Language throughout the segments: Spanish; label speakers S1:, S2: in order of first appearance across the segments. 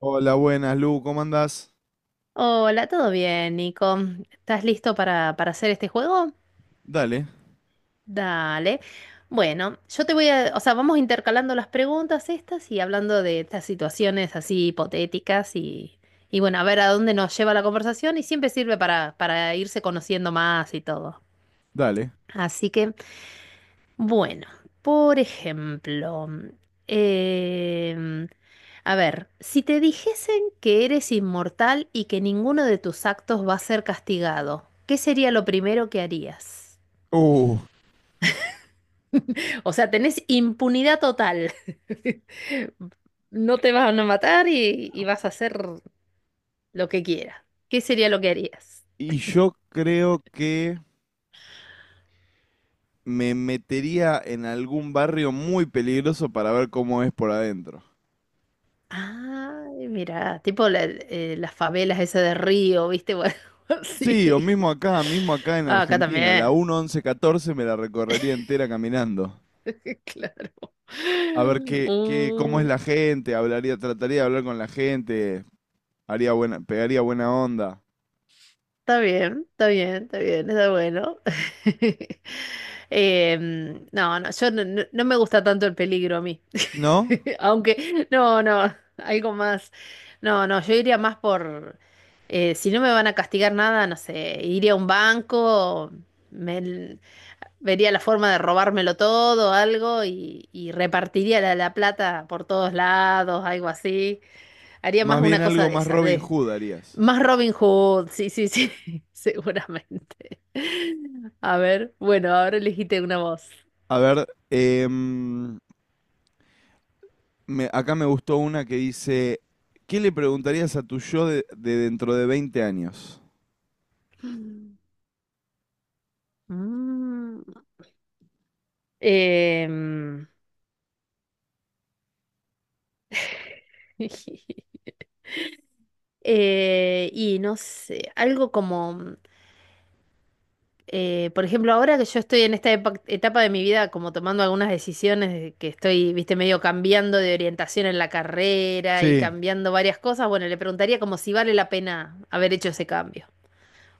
S1: Hola, buenas, Lu, ¿cómo andás?
S2: Hola, ¿todo bien, Nico? ¿Estás listo para hacer este juego?
S1: Dale,
S2: Dale. Bueno, yo te voy a, o sea, vamos intercalando las preguntas estas y hablando de estas situaciones así hipotéticas y bueno, a ver a dónde nos lleva la conversación y siempre sirve para irse conociendo más y todo.
S1: dale.
S2: Así que, bueno, por ejemplo, em, a ver, si te dijesen que eres inmortal y que ninguno de tus actos va a ser castigado, ¿qué sería lo primero que harías?
S1: Uh,
S2: O sea, tenés impunidad total. No te van a matar y vas a hacer lo que quieras. ¿Qué sería lo que harías?
S1: y yo creo que me metería en algún barrio muy peligroso para ver cómo es por adentro.
S2: Ay, mira, tipo las favelas esa de Río, ¿viste? Bueno,
S1: Sí, o
S2: sí.
S1: mismo acá en
S2: Ah, acá
S1: Argentina, la
S2: también.
S1: 1-11-14 me la recorrería entera caminando.
S2: Claro.
S1: A ver qué, cómo es
S2: Mm,
S1: la gente, hablaría, trataría de hablar con la gente, haría buena, pegaría buena onda.
S2: está bien, está bien, está bien, está bueno. No, no, yo no me gusta tanto el peligro a mí.
S1: ¿No?
S2: Aunque, no, no, algo más. No, no, yo iría más si no me van a castigar nada, no sé, iría a un banco, me- vería la forma de robármelo todo, algo, y repartiría la plata por todos lados, algo así. Haría
S1: Más
S2: más
S1: bien
S2: una cosa
S1: algo
S2: de
S1: más
S2: esas,
S1: Robin
S2: de
S1: Hood harías.
S2: más Robin Hood, sí, sí, sí, seguramente. A ver, bueno, ahora elegiste una voz.
S1: A ver, acá me gustó una que dice, ¿qué le preguntarías a tu yo de dentro de 20 años?
S2: Mm, em, y no sé, algo como, por ejemplo, ahora que yo estoy en esta etapa de mi vida, como tomando algunas decisiones, de que estoy, viste, medio cambiando de orientación en la carrera y
S1: Sí.
S2: cambiando varias cosas, bueno, le preguntaría como si vale la pena haber hecho ese cambio.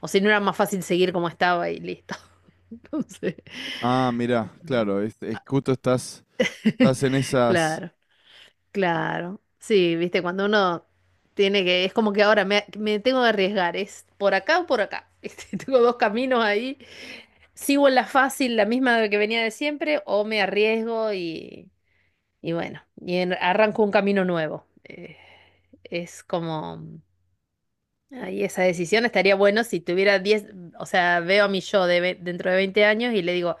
S2: O si no era más fácil seguir como estaba y listo. Entonces,
S1: Ah, mirá, claro, es justo estás, estás en esas.
S2: claro, claro. Sí, viste, cuando uno tiene que, es como que ahora me tengo que arriesgar, es por acá o por acá. Este, tengo dos caminos ahí. Sigo en la fácil, la misma que venía de siempre, o me arriesgo y bueno, arranco un camino nuevo. Es como, ahí esa decisión estaría bueno si tuviera 10 o sea, veo a mi yo de dentro de 20 años y le digo,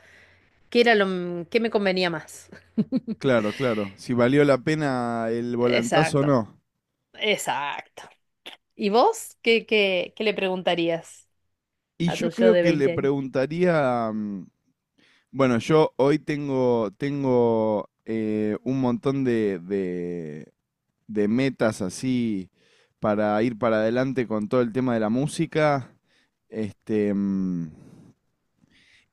S2: ¿qué era lo que me convenía más?
S1: Claro, claro, si valió la pena el volantazo o
S2: Exacto,
S1: no.
S2: exacto. ¿Y vos qué le preguntarías
S1: Y
S2: a
S1: yo
S2: tu yo
S1: creo
S2: de
S1: que le
S2: 20 años?
S1: preguntaría, bueno, yo hoy tengo un montón de metas así para ir para adelante con todo el tema de la música. Este,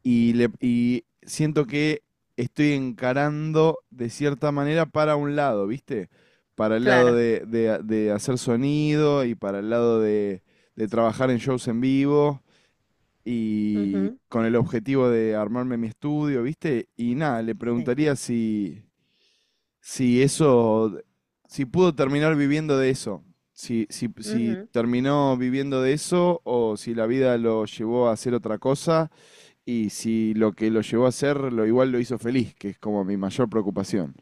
S1: y siento que estoy encarando de cierta manera para un lado, ¿viste? Para el lado
S2: Claro.
S1: de hacer sonido y para el lado de trabajar en shows en vivo y
S2: Ujú,
S1: con el objetivo de armarme mi estudio, ¿viste? Y nada, le
S2: sí.
S1: preguntaría si eso, si pudo terminar viviendo de eso. Si
S2: Ujú,
S1: terminó viviendo de eso o si la vida lo llevó a hacer otra cosa y si lo que lo llevó a hacer, lo igual lo hizo feliz, que es como mi mayor preocupación.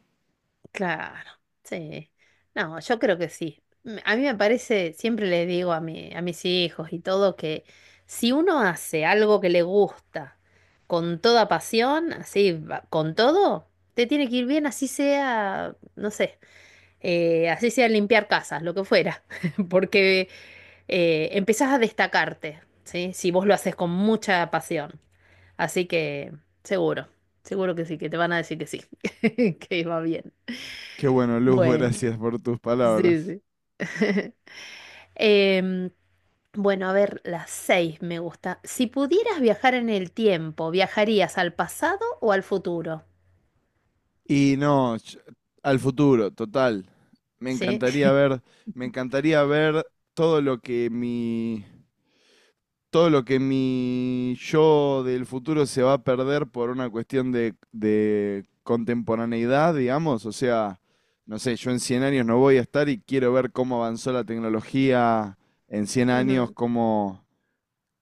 S2: claro. Sí. No, yo creo que sí. A mí me parece, siempre le digo a a mis hijos y todo que si uno hace algo que le gusta con toda pasión, así, con todo, te tiene que ir bien, así sea, no sé, así sea limpiar casas, lo que fuera, porque empezás a destacarte, ¿sí? Si vos lo haces con mucha pasión. Así que seguro, seguro que sí, que te van a decir que sí, que va bien.
S1: Qué bueno, Luz,
S2: Bueno,
S1: gracias por tus
S2: sí,
S1: palabras.
S2: sí. Em, bueno, a ver, las seis me gusta. Si pudieras viajar en el tiempo, ¿viajarías al pasado o al futuro?
S1: Y no, al futuro, total. Me
S2: Sí.
S1: encantaría ver, me encantaría ver todo lo que mi yo del futuro se va a perder por una cuestión de contemporaneidad, digamos. O sea, no sé, yo en 100 años no voy a estar y quiero ver cómo avanzó la tecnología en cien años,
S2: Ujú.
S1: cómo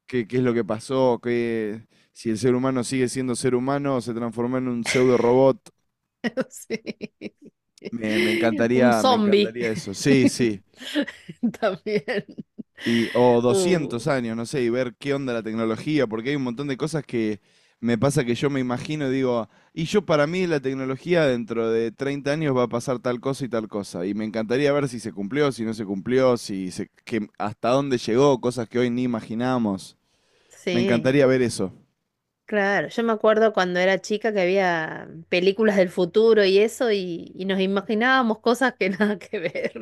S1: qué, qué es lo que pasó, si el ser humano sigue siendo ser humano o se transformó en un pseudo robot.
S2: Sí.
S1: Me
S2: Un
S1: encantaría, me
S2: zombie.
S1: encantaría eso. Sí, sí.
S2: También.
S1: Y, o
S2: Uh,
S1: 200 años, no sé, y ver qué onda la tecnología, porque hay un montón de cosas que me pasa que yo me imagino y digo, y yo para mí la tecnología dentro de 30 años va a pasar tal cosa. Y me encantaría ver si se cumplió, si no se cumplió, si se, que, hasta dónde llegó, cosas que hoy ni imaginamos. Me
S2: sí,
S1: encantaría ver eso.
S2: claro. Yo me acuerdo cuando era chica que había películas del futuro y eso, y nos imaginábamos cosas que nada que ver.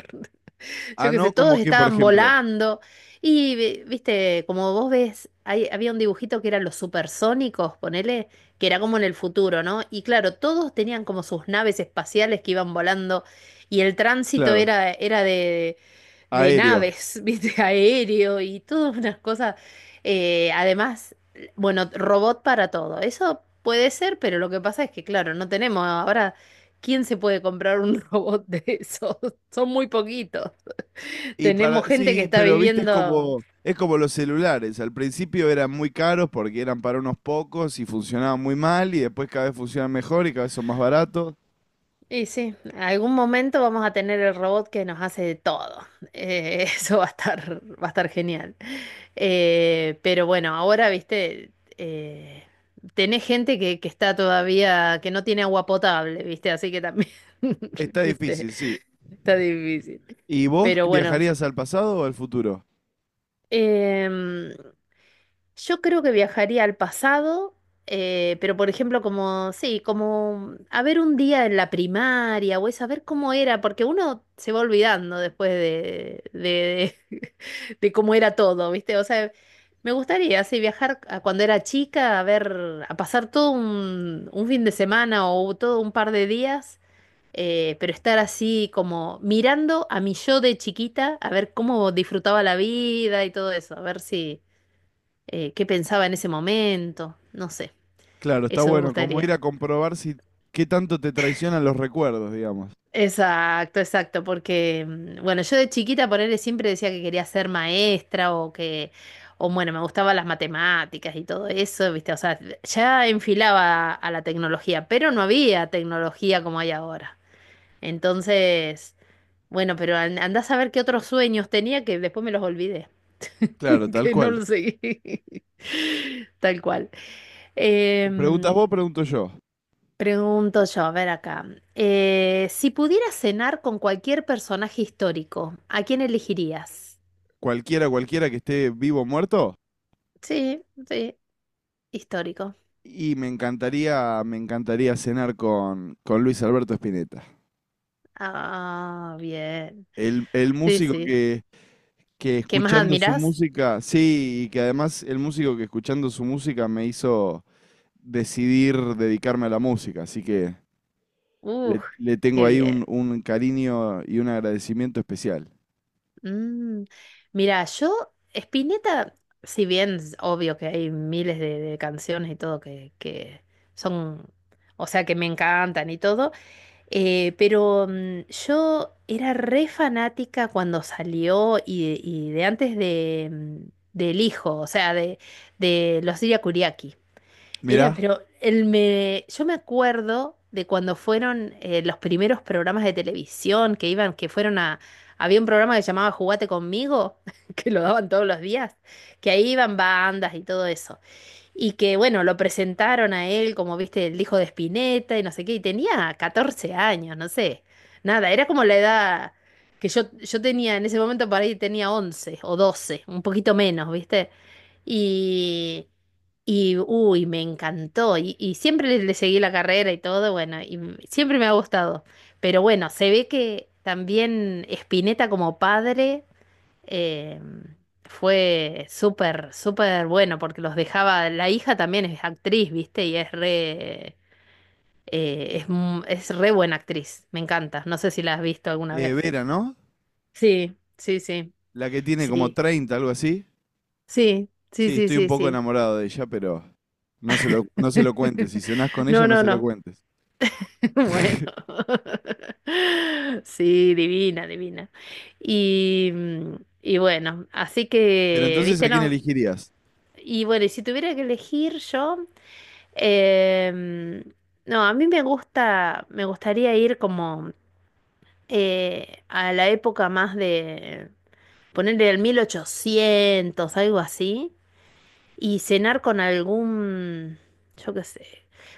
S2: Yo
S1: Ah,
S2: qué sé,
S1: no, como
S2: todos
S1: que, por
S2: estaban
S1: ejemplo,
S2: volando. Y, viste, como vos ves, había un dibujito que eran los supersónicos, ponele, que era como en el futuro, ¿no? Y claro, todos tenían como sus naves espaciales que iban volando y el tránsito
S1: claro.
S2: era de de,
S1: Aéreo.
S2: naves, viste, aéreo y todas unas cosas. Además, bueno, robot para todo. Eso puede ser, pero lo que pasa es que, claro, no tenemos ahora... ¿Quién se puede comprar un robot de esos? Son muy poquitos.
S1: Y
S2: Tenemos
S1: para,
S2: gente que
S1: sí,
S2: está
S1: pero viste, es
S2: viviendo.
S1: como, es como los celulares. Al principio eran muy caros porque eran para unos pocos y funcionaban muy mal y después cada vez funcionan mejor y cada vez son más baratos.
S2: Y sí, algún momento vamos a tener el robot que nos hace de todo. Eso va a estar genial. Pero bueno, ahora, viste, tenés gente que está todavía, que no tiene agua potable, viste, así que también,
S1: Está
S2: viste,
S1: difícil, sí.
S2: está difícil.
S1: ¿Y vos
S2: Pero bueno,
S1: viajarías al pasado o al futuro?
S2: em, yo creo que viajaría al pasado, pero por ejemplo, como, sí, como a ver un día en la primaria o es a ver cómo era, porque uno se va olvidando después de cómo era todo, ¿viste? O sea, me gustaría, sí, viajar a cuando era chica, a ver, a pasar todo un fin de semana o todo un par de días, pero estar así como mirando a mi yo de chiquita, a ver cómo disfrutaba la vida y todo eso, a ver si qué pensaba en ese momento, no sé,
S1: Claro, está
S2: eso me
S1: bueno, como ir
S2: gustaría.
S1: a comprobar si qué tanto te traicionan los recuerdos, digamos.
S2: Exacto, exacto, porque mm, bueno, yo de chiquita por él siempre decía que quería ser maestra o que, o bueno, me gustaban las matemáticas y todo eso, ¿viste? O sea, ya enfilaba a la tecnología, pero no había tecnología como hay ahora. Entonces, bueno, pero andá a saber qué otros sueños tenía que después me los olvidé,
S1: Claro, tal
S2: que no
S1: cual.
S2: los seguí. Tal cual.
S1: ¿Preguntas
S2: Em,
S1: vos, pregunto yo?
S2: Pregunto yo, a ver acá. Si pudieras cenar con cualquier personaje histórico, ¿a quién elegirías?
S1: Cualquiera, cualquiera que esté vivo o muerto.
S2: Sí, sí, histórico.
S1: Y me encantaría cenar con Luis Alberto Spinetta.
S2: Ah, bien.
S1: El
S2: Sí,
S1: músico
S2: sí.
S1: que
S2: ¿Qué más
S1: escuchando su
S2: admiras?
S1: música, sí, y que además el músico que escuchando su música me hizo decidir dedicarme a la música, así que le,
S2: Uf,
S1: le tengo
S2: qué
S1: ahí un,
S2: bien.
S1: un cariño y un agradecimiento especial.
S2: Mm, mira, yo, Spinetta, si bien es obvio que hay miles de canciones y todo que son, o sea, que me encantan y todo. Pero mm, yo era re fanática cuando salió y de antes de, mm, del hijo, o sea, de los Siria Kuriaki.
S1: Mirá,
S2: Era, pero él me, yo me acuerdo de cuando fueron los primeros programas de televisión que iban, que fueron a, había un programa que se llamaba Jugate conmigo, que lo daban todos los días, que ahí iban bandas y todo eso y que bueno, lo presentaron a él como, viste, el hijo de Spinetta y no sé qué, y tenía 14 años, no sé, nada, era como la edad que yo tenía en ese momento, por ahí tenía 11 o 12 un poquito menos, viste, y, y uy, me encantó, y siempre le seguí la carrera y todo, bueno, siempre me ha gustado, pero bueno, se ve que también Spinetta como padre... Eh, fue súper, súper bueno porque los dejaba, la hija también es actriz, ¿viste? Y es re, es re buena actriz, me encanta. No sé si la has visto alguna vez.
S1: Vera, ¿no?
S2: Sí, sí, sí,
S1: La que tiene como
S2: sí,
S1: 30 algo así.
S2: sí, sí,
S1: Sí,
S2: sí,
S1: estoy un
S2: sí,
S1: poco
S2: sí.
S1: enamorado de ella, pero no se lo cuentes. Si cenás con
S2: No,
S1: ella, no
S2: no,
S1: se lo
S2: no.
S1: cuentes.
S2: Bueno. Sí, divina, divina. Y, mm, y bueno, así
S1: Pero
S2: que,
S1: entonces, ¿a
S2: ¿viste?
S1: quién
S2: No.
S1: elegirías?
S2: Y bueno, y si tuviera que elegir yo... Em, no, a mí me gusta, me gustaría ir como a la época más de ponerle el 1800 algo así, y cenar con algún, yo qué sé,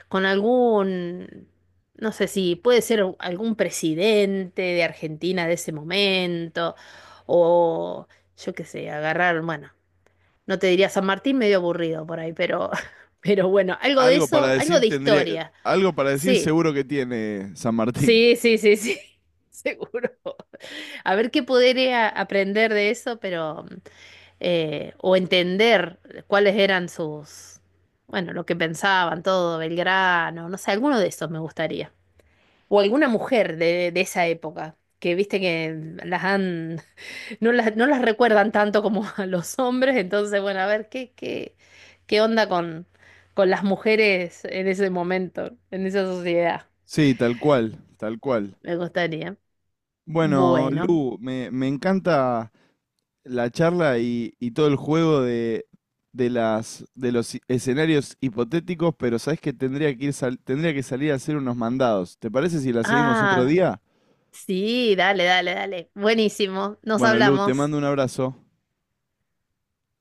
S2: con algún, no sé si puede ser algún presidente de Argentina de ese momento, o yo qué sé, agarrar, bueno, no te diría San Martín, medio aburrido por ahí, pero, pero bueno, algo de
S1: Algo para
S2: eso, algo
S1: decir
S2: de
S1: tendría,
S2: historia.
S1: algo para decir
S2: Sí,
S1: seguro que tiene San Martín.
S2: sí, sí, sí, sí, seguro. A ver qué podría aprender de eso, pero o entender cuáles eran sus, bueno, lo que pensaban, todo, Belgrano, no sé, alguno de esos me gustaría. O alguna mujer de esa época, que viste que las han, no las recuerdan tanto como a los hombres, entonces, bueno, a ver qué onda con las mujeres en ese momento, en esa sociedad,
S1: Sí, tal cual, tal cual.
S2: me gustaría.
S1: Bueno,
S2: Bueno.
S1: Lu, me encanta la charla y todo el juego de los escenarios hipotéticos, pero sabes que tendría que ir tendría que salir a hacer unos mandados. ¿Te parece si la seguimos otro
S2: Ah,
S1: día?
S2: sí, dale, dale, dale. Buenísimo. Nos
S1: Bueno, Lu, te
S2: hablamos.
S1: mando un abrazo.